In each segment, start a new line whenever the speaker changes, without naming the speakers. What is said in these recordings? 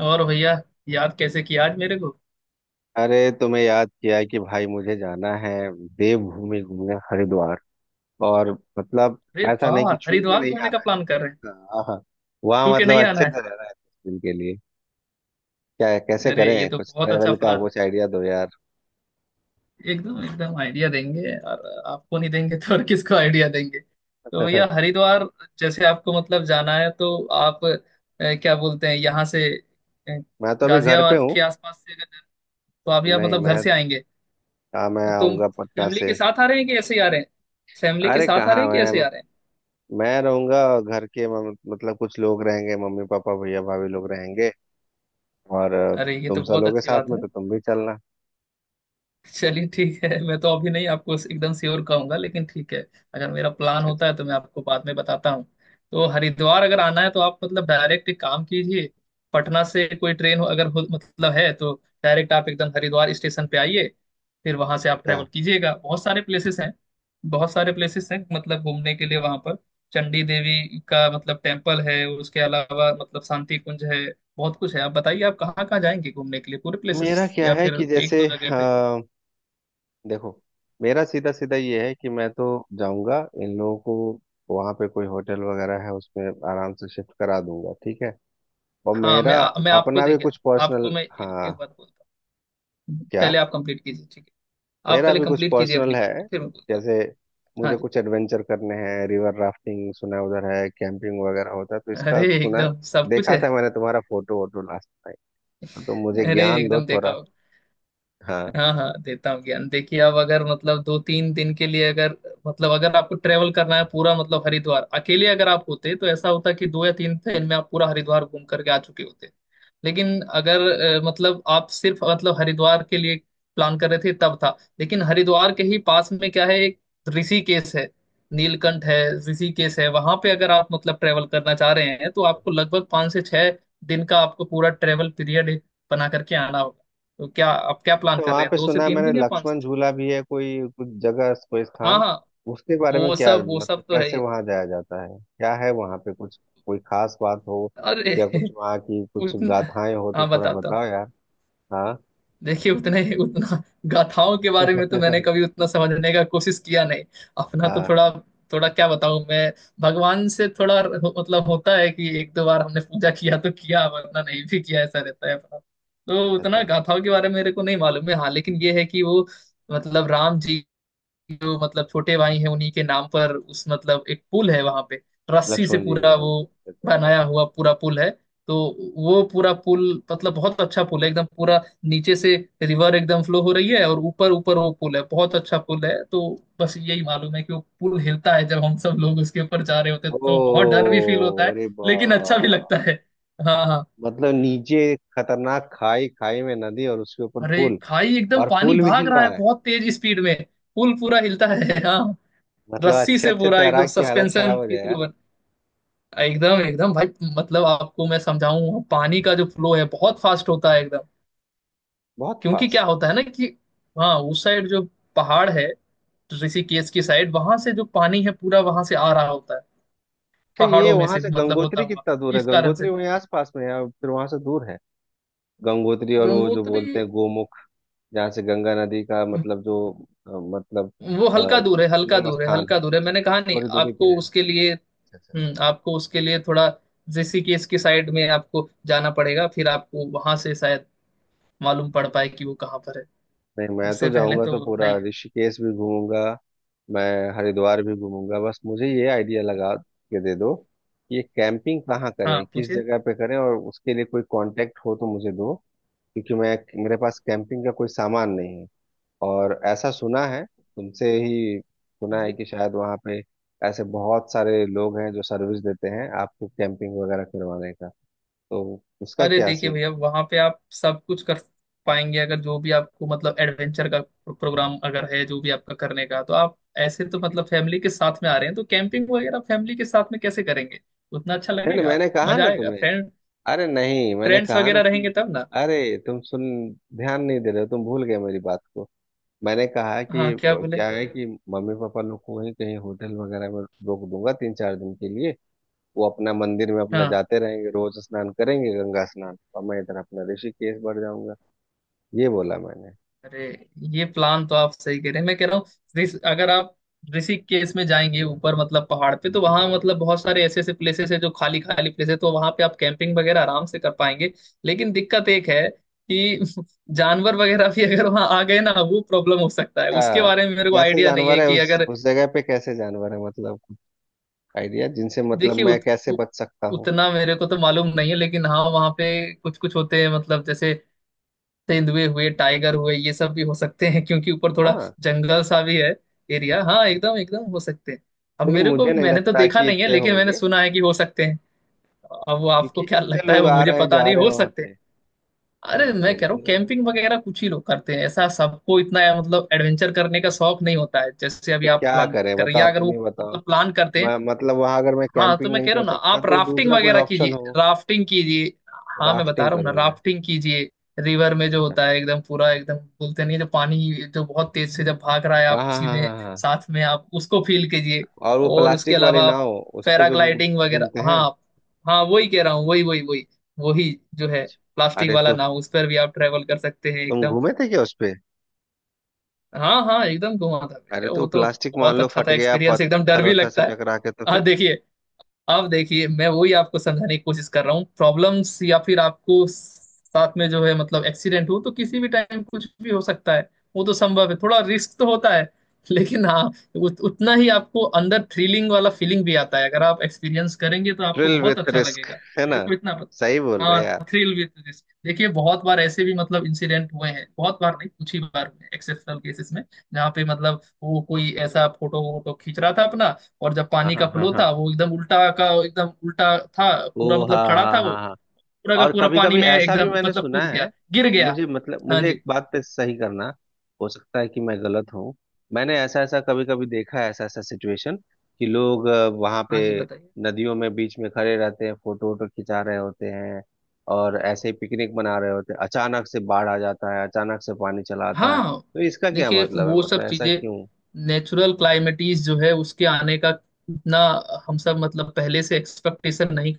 और भैया, याद कैसे किया आज मेरे को?
अरे तुम्हें याद किया कि भाई मुझे जाना है देवभूमि घूमने हरिद्वार। और मतलब
अरे
ऐसा नहीं
वाह,
कि छू के
हरिद्वार
नहीं
घूमने का
आना
प्लान कर रहे हैं।
है। हाँ हाँ। वहाँ
छू के
मतलब
नहीं आना
अच्छे
है।
से रहना है कुछ दिन के लिए। क्या, कैसे
अरे ये
करें?
तो
कुछ
बहुत अच्छा
ट्रेवल का
प्लान।
कुछ आइडिया दो यार।
एकदम एकदम आइडिया देंगे। और आपको नहीं देंगे तो और किसको आइडिया देंगे? तो भैया, हरिद्वार जैसे आपको मतलब जाना है तो आप क्या बोलते हैं, यहाँ से, अ,
मैं तो अभी घर पे
गाजियाबाद
हूँ।
के आसपास से अगर? तो अभी आप
नहीं,
मतलब घर
मैं,
से आएंगे?
हाँ, मैं
तो
आऊंगा पटना
फैमिली
से।
के साथ आ रहे हैं कि ऐसे ही आ रहे हैं? फैमिली के
अरे
साथ आ रहे
कहाँ,
हैं कि ऐसे
मैं
ही आ रहे हैं?
मैं रहूंगा घर के मतलब कुछ लोग रहेंगे, मम्मी पापा भैया भाभी लोग रहेंगे। और
अरे ये
तुम
तो
सब
बहुत
लोग के
अच्छी
साथ
बात
में
है।
तो तुम भी चलना।
चलिए ठीक है, मैं तो अभी नहीं आपको एकदम श्योर कहूंगा, लेकिन ठीक है, अगर मेरा प्लान
अच्छा अच्छा
होता है तो मैं आपको बाद में बताता हूँ। तो हरिद्वार अगर आना है तो आप मतलब डायरेक्ट एक काम कीजिए, पटना से कोई ट्रेन हो अगर, हो मतलब, है तो डायरेक्ट आप एकदम हरिद्वार स्टेशन पे आइए। फिर वहां से आप
अच्छा।
ट्रैवल कीजिएगा, बहुत सारे प्लेसेस हैं। बहुत सारे प्लेसेस हैं मतलब घूमने के लिए वहां पर। चंडी देवी का मतलब टेम्पल है, उसके अलावा मतलब शांति कुंज है। बहुत कुछ है। आप बताइए आप कहाँ कहाँ जाएंगे घूमने के लिए, पूरे
मेरा
प्लेसेस,
क्या
या
है
फिर
कि
एक
जैसे
दो जगह पे?
देखो, मेरा सीधा सीधा ये है कि मैं तो जाऊंगा। इन लोगों को वहां पे कोई होटल वगैरह है उसमें आराम से शिफ्ट करा दूंगा, ठीक है। और
हाँ
मेरा
मैं आपको
अपना भी
देखिए,
कुछ
आपको
पर्सनल।
मैं एक
हाँ।
बात बोलता हूँ,
क्या?
पहले आप कंप्लीट कीजिए, ठीक है, आप
मेरा
पहले
भी कुछ
कंप्लीट कीजिए
पर्सनल
अपनी बात
है।
को, फिर मैं बोलता हूँ।
जैसे
हाँ
मुझे
जी।
कुछ एडवेंचर करने हैं, रिवर राफ्टिंग सुना है उधर है, कैंपिंग वगैरह होता है तो
अरे
इसका सुना।
एकदम सब कुछ
देखा
है।
था मैंने तुम्हारा फोटो वोटो लास्ट टाइम, तो मुझे
अरे
ज्ञान दो
एकदम देखा
थोड़ा।
होगा।
हाँ।
हाँ हाँ, देता हूँ ज्ञान। देखिए आप अगर मतलब 2-3 दिन के लिए, अगर मतलब, अगर आपको ट्रेवल करना है पूरा मतलब हरिद्वार अकेले, अगर आप होते तो ऐसा होता कि 2 या 3 दिन में आप पूरा हरिद्वार घूम करके आ चुके होते। लेकिन अगर मतलब आप सिर्फ मतलब हरिद्वार के लिए प्लान कर रहे थे तब था, लेकिन हरिद्वार के ही पास में क्या है? एक ऋषिकेश है, नीलकंठ है। ऋषिकेश है, वहां पे अगर आप मतलब ट्रेवल करना चाह रहे हैं तो आपको लगभग 5 से 6 दिन का आपको पूरा ट्रेवल पीरियड बना करके आना होगा। तो क्या आप क्या प्लान
तो
कर
वहां
रहे हैं,
पे
दो से
सुना है
तीन
मैंने
दिन या पाँच से
लक्ष्मण
छः
झूला भी है कोई कुछ जगह, कोई
हाँ
स्थान।
हाँ।
उसके बारे में क्या
वो
मतलब,
सब तो है
कैसे
ही।
वहां जाया जाता है, क्या है वहां पे कुछ कोई खास बात हो
अरे
या कुछ वहां की कुछ
उतना।
गाथाएं हो तो
हाँ
थोड़ा
बताता हूँ।
बताओ यार। हाँ।
देखिए उतने उतना गाथाओं के बारे में तो मैंने कभी उतना समझने का कोशिश किया नहीं। अपना तो
हाँ।
थोड़ा। थोड़ा क्या बताऊँ मैं? भगवान से थोड़ा मतलब होता है कि एक दो बार हमने पूजा किया तो किया, वरना नहीं भी किया, ऐसा रहता है। अपना तो उतना
अच्छा,
गाथाओं के बारे में मेरे को नहीं मालूम है। हाँ, लेकिन ये है कि वो मतलब राम जी जो मतलब छोटे भाई हैं उन्हीं के नाम पर, उस मतलब एक पुल है वहां पे, रस्सी से
लक्ष्मण जी के
पूरा
नाम
वो
से। अच्छा अच्छा।
बनाया हुआ पूरा पुल है। तो वो पूरा पुल मतलब बहुत अच्छा पुल है एकदम। पूरा नीचे से रिवर एकदम फ्लो हो रही है, और ऊपर ऊपर वो पुल है, बहुत अच्छा पुल है। तो बस यही मालूम है कि वो पुल हिलता है, जब हम सब लोग उसके ऊपर जा रहे होते हैं तो बहुत डर भी फील होता
ओ
है,
अरे बा।
लेकिन अच्छा भी लगता है। हाँ हाँ।
मतलब नीचे खतरनाक खाई, खाई में नदी और उसके ऊपर
अरे
पुल।
खाई एकदम,
और
पानी
पुल भी
भाग
हिल
रहा
रहा
है
है।
बहुत तेज स्पीड में। पुल पूरा हिलता है, हाँ।
मतलब
रस्सी
अच्छे
से
अच्छे
पूरा एकदम
तैराक की हालत
सस्पेंशन
खराब हो
की
जाएगा।
तरह एकदम एकदम भाई। मतलब आपको मैं समझाऊं, पानी का जो फ्लो है बहुत फास्ट होता है एकदम।
बहुत
क्योंकि
फास्ट।
क्या होता है ना कि, हाँ, उस साइड जो पहाड़ है, तो ऋषिकेश की साइड वहां से जो पानी है पूरा वहां से आ रहा होता है,
अच्छा, ये
पहाड़ों में
वहां
से
से
मतलब होता
गंगोत्री
हुआ,
कितना दूर है?
इस कारण से।
गंगोत्री वहीं आसपास में है या फिर वहां से दूर है? गंगोत्री और वो जो
गंगोत्री
बोलते हैं गोमुख, जहाँ से गंगा नदी का मतलब जो मतलब
वो हल्का दूर है, हल्का
उद्गम
दूर है,
स्थान है।
हल्का दूर है। मैंने कहा नहीं
थोड़ी दूरी पे
आपको
है।
उसके लिए।
अच्छा अच्छा अच्छा।
आपको उसके लिए थोड़ा ऋषिकेश की साइड में आपको जाना पड़ेगा, फिर आपको वहां से शायद मालूम पड़ पाए कि वो कहाँ पर है।
नहीं, मैं तो
उससे पहले
जाऊंगा तो
तो
पूरा
नहीं है।
ऋषिकेश भी घूमूंगा, मैं हरिद्वार भी घूमूंगा। बस मुझे ये आइडिया लगा के दे दो कि ये कैंपिंग कहाँ
हाँ
करें, किस
पूछिए।
जगह पे करें, और उसके लिए कोई कांटेक्ट हो तो मुझे दो। क्योंकि मैं, मेरे पास कैंपिंग का कोई सामान नहीं है। और ऐसा सुना है, तुमसे ही
हाँ
सुना है
जी।
कि शायद वहाँ पे ऐसे बहुत सारे लोग हैं जो सर्विस देते हैं आपको कैंपिंग वगैरह करवाने का। तो उसका
अरे
क्या
देखिए
सीन?
भैया, वहां पे आप सब कुछ कर पाएंगे, अगर जो भी आपको मतलब एडवेंचर का प्रोग्राम अगर है, जो भी आपका करने का, तो आप, ऐसे तो
ठीक है।
मतलब फैमिली के साथ में आ रहे हैं तो कैंपिंग वगैरह फैमिली के साथ में कैसे करेंगे? उतना अच्छा
नहीं नहीं,
लगेगा।
मैंने कहा
मजा
ना
आएगा
तुम्हें।
फ्रेंड।
अरे नहीं, मैंने
फ्रेंड्स
कहा ना
वगैरह
कि
रहेंगे तब ना।
अरे तुम सुन, ध्यान नहीं दे रहे हो, तुम भूल गए मेरी बात को। मैंने कहा
हाँ,
कि
क्या बोले?
क्या है कि मम्मी पापा लोग को वहीं कहीं होटल वगैरह में रोक दूंगा 3-4 दिन के लिए। वो अपना मंदिर में अपना
हाँ,
जाते रहेंगे, रोज स्नान करेंगे गंगा स्नान, और मैं इधर अपना ऋषिकेश बढ़ जाऊंगा। ये बोला मैंने।
अरे, ये प्लान तो आप सही कह रहे हैं। मैं कह रहा हूँ, अगर आप ऋषिकेश में जाएंगे ऊपर मतलब पहाड़ पे, तो वहां मतलब बहुत सारे ऐसे ऐसे प्लेसेस है, जो खाली खाली प्लेस है, तो वहां पे आप कैंपिंग वगैरह आराम से कर पाएंगे। लेकिन दिक्कत एक है कि जानवर वगैरह भी अगर वहां आ गए ना, वो प्रॉब्लम हो सकता है, उसके
अच्छा,
बारे में मेरे को
कैसे
आइडिया नहीं
जानवर
है
है
कि अगर।
उस जगह पे, कैसे जानवर है मतलब, आइडिया जिनसे मतलब
देखिए
मैं कैसे
उ,
बच सकता हूँ।
उतना मेरे को तो मालूम नहीं है, लेकिन हाँ वहाँ पे कुछ कुछ होते हैं मतलब, जैसे तेंदुए हुए, टाइगर हुए, ये सब भी हो सकते हैं, क्योंकि ऊपर थोड़ा
हाँ,
जंगल सा भी है एरिया। हाँ एकदम एकदम हो सकते हैं। अब
लेकिन
मेरे को,
मुझे नहीं
मैंने तो
लगता
देखा
कि
नहीं है,
इतने
लेकिन मैंने
होंगे,
सुना है कि हो सकते हैं। अब वो
क्योंकि
आपको क्या
इतने
लगता है,
लोग
वो
आ
मुझे
रहे हैं
पता
जा
नहीं,
रहे
हो
हैं वहां
सकते हैं।
पे, है
अरे
ना?
मैं
तो
कह रहा
मुझे
हूँ,
लगा।
कैंपिंग वगैरह कुछ ही लोग करते हैं ऐसा, सबको इतना मतलब एडवेंचर करने का
अच्छा,
शौक नहीं होता है जैसे अभी
तो
आप
क्या
प्लान
करें?
कर रहे हैं।
बताओ,
या अगर
तुम ही
वो
बताओ।
मतलब प्लान करते हैं।
मैं मतलब वहां अगर मैं
हाँ तो
कैंपिंग
मैं
नहीं
कह रहा
कर
हूँ ना,
सकता
आप
तो
राफ्टिंग
दूसरा कोई
वगैरह
ऑप्शन
कीजिए,
हो?
राफ्टिंग कीजिए। हाँ मैं बता
राफ्टिंग
रहा हूँ ना,
करूँ मैं?
राफ्टिंग कीजिए। रिवर में जो
अच्छा,
होता है एकदम पूरा, एकदम बोलते नहीं है, जो पानी जो बहुत तेज से जब भाग रहा है,
हाँ
आप
हाँ
उसी
हाँ
में
हाँ हाँ।
साथ में आप उसको फील कीजिए।
और वो
और उसके
प्लास्टिक वाली
अलावा आप
नाव उस पे जो
पैराग्लाइडिंग
घूमते
वगैरह।
हैं।
हाँ हाँ वही कह रहा हूँ, वही वही वही वही जो है, प्लास्टिक
अरे
वाला
तो
नाव, उस पर भी आप ट्रेवल कर सकते हैं
तुम
एकदम।
घूमे थे क्या उस पे?
हाँ हाँ एकदम घुमा था
अरे
भैया,
तो
वो तो
प्लास्टिक मान
बहुत
लो
अच्छा
फट
था
गया,
एक्सपीरियंस, एकदम डर
पत्थर
भी
वत्थर से
लगता है।
टकरा के तो फिर?
हाँ देखिए, अब देखिए मैं वही आपको समझाने की कोशिश कर रहा हूँ, प्रॉब्लम्स या फिर आपको साथ में जो है मतलब एक्सीडेंट हो तो किसी भी टाइम कुछ भी हो सकता है, वो तो संभव है, थोड़ा रिस्क तो होता है। लेकिन हाँ, उतना ही आपको अंदर थ्रिलिंग वाला फीलिंग भी आता है, अगर आप एक्सपीरियंस करेंगे तो आपको
थ्रिल
बहुत
विथ
अच्छा
रिस्क,
लगेगा।
है
मेरे
ना?
को इतना पता,
सही बोल रहे यार।
हाँ, थ्रिल विद रिस्क। देखिए बहुत बार ऐसे भी मतलब इंसिडेंट हुए हैं, बहुत बार नहीं, कुछ ही बार हुए एक्सेप्शनल केसेस में, जहाँ पे मतलब वो कोई ऐसा फोटो वोटो खींच रहा था अपना, और जब
हाँ
पानी का
हाँ हाँ
फ्लो
हाँ।
था वो एकदम उल्टा का एकदम उल्टा था
ओ।
पूरा मतलब,
हाँ
खड़ा
हाँ
था वो,
हाँ।
पूरा का
और
पूरा
कभी
पानी
कभी
में
ऐसा भी
एकदम
मैंने
मतलब
सुना
कूद
है,
गया, गिर गया।
मुझे मतलब
हाँ
मुझे एक
जी।
बात पे सही करना, हो सकता है कि मैं गलत हूँ। मैंने ऐसा ऐसा कभी कभी देखा है, ऐसा ऐसा सिचुएशन कि लोग वहां पे
हाँ जी, बताइए।
नदियों में बीच में खड़े रहते हैं, फोटो वोटो खिंचा रहे होते हैं और ऐसे ही पिकनिक मना रहे होते हैं, अचानक से बाढ़ आ जाता है, अचानक से पानी चला आता है
हाँ
तो इसका क्या
देखिए,
मतलब है?
वो
मतलब
सब
ऐसा
चीजें
क्यों?
नेचुरल क्लाइमेटीज जो है उसके आने का इतना हम सब मतलब पहले से एक्सपेक्टेशन नहीं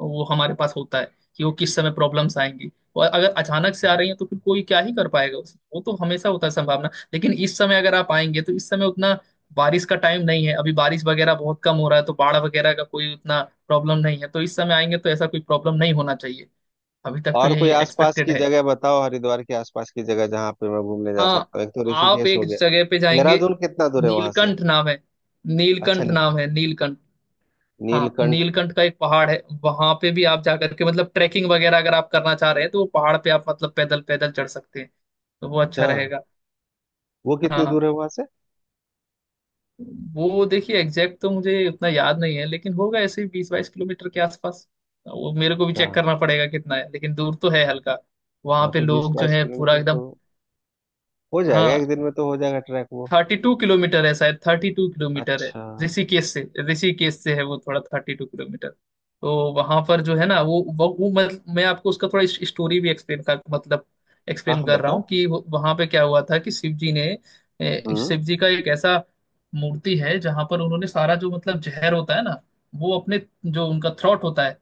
वो हमारे पास होता है कि वो किस समय प्रॉब्लम्स आएंगी। और अगर अचानक से आ रही है तो फिर कोई क्या ही कर पाएगा उसे, वो तो हमेशा होता है संभावना। लेकिन इस समय अगर आप आएंगे तो इस समय उतना बारिश का टाइम नहीं है, अभी बारिश वगैरह बहुत कम हो रहा है, तो बाढ़ वगैरह का कोई उतना प्रॉब्लम नहीं है। तो इस समय आएंगे तो ऐसा कोई प्रॉब्लम नहीं होना चाहिए, अभी तक तो
और
यही
कोई आसपास
एक्सपेक्टेड
की
है।
जगह बताओ, हरिद्वार के आसपास की जगह जहाँ पे मैं घूमने जा
हाँ,
सकता हूँ, एक तो
आप
ऋषिकेश हो
एक
गया।
जगह पे जाएंगे।
देहरादून कितना दूर है वहां से?
नीलकंठ नाम है,
अच्छा।
नीलकंठ नाम है, नीलकंठ। हाँ,
नीलकंठ।
नीलकंठ का एक पहाड़ है। वहां पे भी आप जाकर के मतलब ट्रैकिंग वगैरह अगर आप करना चाह रहे हैं तो वो पहाड़ पे आप मतलब पैदल पैदल चढ़ सकते हैं, तो वो अच्छा
अच्छा,
रहेगा।
वो
हाँ
कितनी
हाँ,
दूर है वहां से?
वो देखिए एग्जैक्ट तो मुझे उतना याद नहीं है, लेकिन होगा ऐसे ही 20-22 किलोमीटर के आसपास। वो मेरे को भी
अच्छा
चेक करना पड़ेगा कितना है, लेकिन दूर तो है हल्का। वहां
हाँ।
पे
तो बीस
लोग जो
बाईस
है पूरा
किलोमीटर
एकदम।
तो हो जाएगा,
हाँ,
एक दिन में तो हो जाएगा ट्रैक वो।
32 किलोमीटर है शायद, 32 किलोमीटर है
अच्छा, हाँ
ऋषिकेश से। ऋषिकेश से है वो थोड़ा, 32 किलोमीटर। तो वहां पर जो है ना, वो मतलब मैं आपको उसका थोड़ा स्टोरी भी एक्सप्लेन कर, मतलब एक्सप्लेन
हाँ,
कर
बता।
रहा हूँ कि वहां पे क्या हुआ था, कि
हम्म
शिव जी का एक ऐसा मूर्ति है जहां पर उन्होंने सारा जो मतलब जहर होता है ना, वो अपने जो उनका थ्रॉट होता है,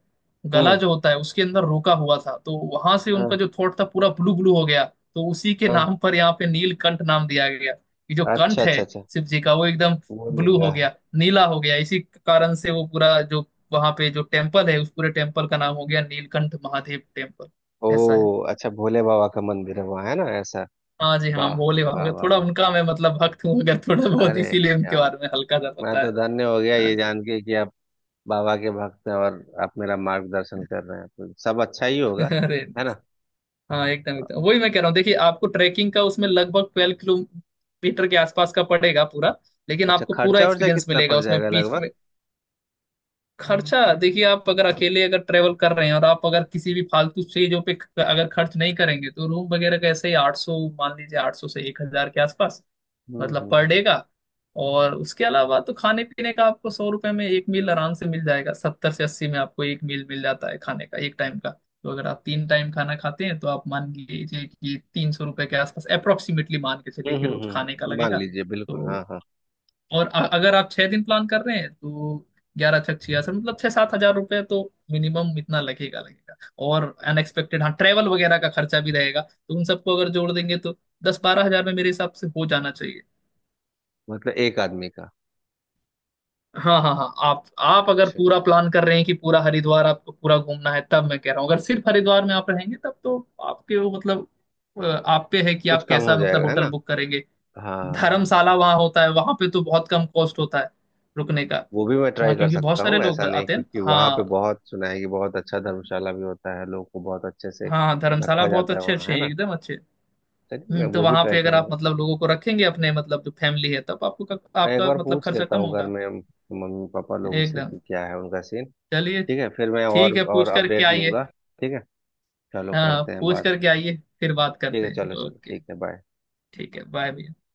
गला
हम्म।
जो होता है उसके अंदर रोका हुआ था, तो वहां से उनका
हाँ
जो थ्रॉट था पूरा ब्लू ब्लू हो गया। तो उसी के
हाँ।
नाम पर यहाँ पे नीलकंठ नाम दिया गया, कि जो
अच्छा
कंठ है
अच्छा अच्छा।
शिव जी का वो एकदम
वो
ब्लू
नीला
हो
है।
गया, नीला हो गया, इसी कारण से वो पूरा जो वहां पे जो टेम्पल है उस पूरे टेम्पल का नाम हो गया नीलकंठ महादेव टेम्पल।
ओ।
ऐसा है।
अच्छा, भोले बाबा का मंदिर है वहाँ, है ना, ऐसा?
हाँ जी, हाँ,
वाह।
भोले बाबा
वाह
का
वाह
थोड़ा
वाह।
उनका मैं मतलब भक्त हूँ अगर, थोड़ा बहुत,
अरे
इसीलिए
क्या
उनके
बात!
बारे में हल्का सा
मैं
पता
तो
है।
धन्य हो गया
हाँ
ये
जी,
जान के कि आप बाबा के भक्त हैं और आप मेरा मार्गदर्शन कर रहे हैं तो सब अच्छा ही होगा,
अरे
है
नहीं।
ना?
हाँ एकदम एकदम वही मैं कह रहा हूँ, देखिए आपको ट्रैकिंग का उसमें लगभग 12 किलोमीटर के आसपास का पड़ेगा पूरा, लेकिन
अच्छा,
आपको पूरा
खर्चा वर्चा
एक्सपीरियंस
कितना
मिलेगा
पड़
उसमें
जाएगा
बीच
लगभग?
में। खर्चा देखिए, आप अगर अकेले अगर ट्रेवल कर रहे हैं, और आप अगर किसी भी फालतू चीजों पे अगर खर्च नहीं करेंगे, तो रूम वगैरह का ऐसे ही 800, मान लीजिए 800 से 1,000 के आसपास, मतलब पर
हम्म।
डे का। और उसके अलावा तो खाने पीने का आपको 100 रुपए में एक मील आराम से मिल जाएगा, 70 से 80 में आपको एक मील मिल जाता है खाने का एक टाइम का। तो अगर आप 3 टाइम खाना खाते हैं, तो आप मान लीजिए कि 300 रुपए के आसपास, अप्रोक्सीमेटली मान के चलिए कि रोज खाने का
मान
लगेगा।
लीजिए बिल्कुल, हाँ
तो
हाँ।
और अगर आप 6 दिन प्लान कर रहे हैं तो 11, 6, 66, मतलब 6-7 हजार रुपये तो मिनिमम इतना लगेगा लगेगा। और अनएक्सपेक्टेड, हाँ, ट्रेवल वगैरह का खर्चा भी रहेगा, तो उन सबको अगर जोड़ देंगे तो 10-12 हजार में मेरे हिसाब से हो जाना चाहिए।
मतलब एक आदमी का?
हाँ हाँ हाँ, आप अगर
अच्छा
पूरा
अच्छा।
प्लान कर रहे हैं कि पूरा हरिद्वार आपको पूरा घूमना है तब मैं कह रहा हूँ, अगर सिर्फ हरिद्वार में आप रहेंगे तब तो आपके वो मतलब, आप पे है कि
कुछ
आप
कम हो
कैसा मतलब
जाएगा, है
होटल
ना?
बुक करेंगे।
हाँ।
धर्मशाला वहां होता है, वहां पे तो बहुत कम कॉस्ट होता है रुकने का।
वो भी मैं ट्राई
वहां
कर
क्योंकि बहुत
सकता
सारे
हूँ,
लोग
ऐसा नहीं,
आते हैं
क्योंकि
ना।
वहाँ पे
हाँ,
बहुत सुना है कि बहुत अच्छा धर्मशाला भी होता है, लोग को बहुत अच्छे से
हाँ, धर्मशाला
रखा
बहुत
जाता है
अच्छे
वहाँ,
अच्छे
है
हैं,
ना।
एकदम अच्छे।
चलिए, मैं
तो
वो भी
वहां
ट्राई
पे अगर आप
करूंगा।
मतलब लोगों को रखेंगे अपने मतलब जो फैमिली है, तब आपको
मैं एक
आपका
बार
मतलब
पूछ
खर्चा
लेता
कम
हूँ घर
होगा।
में मम्मी पापा लोगों से
एकदम।
कि क्या है उनका सीन।
चलिए।
ठीक है, फिर मैं
ठीक
और
है,
और
पूछ करके
अपडेट
आइए।
लूंगा। ठीक है, चलो
हाँ
करते हैं
पूछ
बात।
करके आइए, फिर बात
ठीक
करते
है,
हैं,
चलो चलो,
ओके।
ठीक है, बाय।
ठीक है, बाय भैया।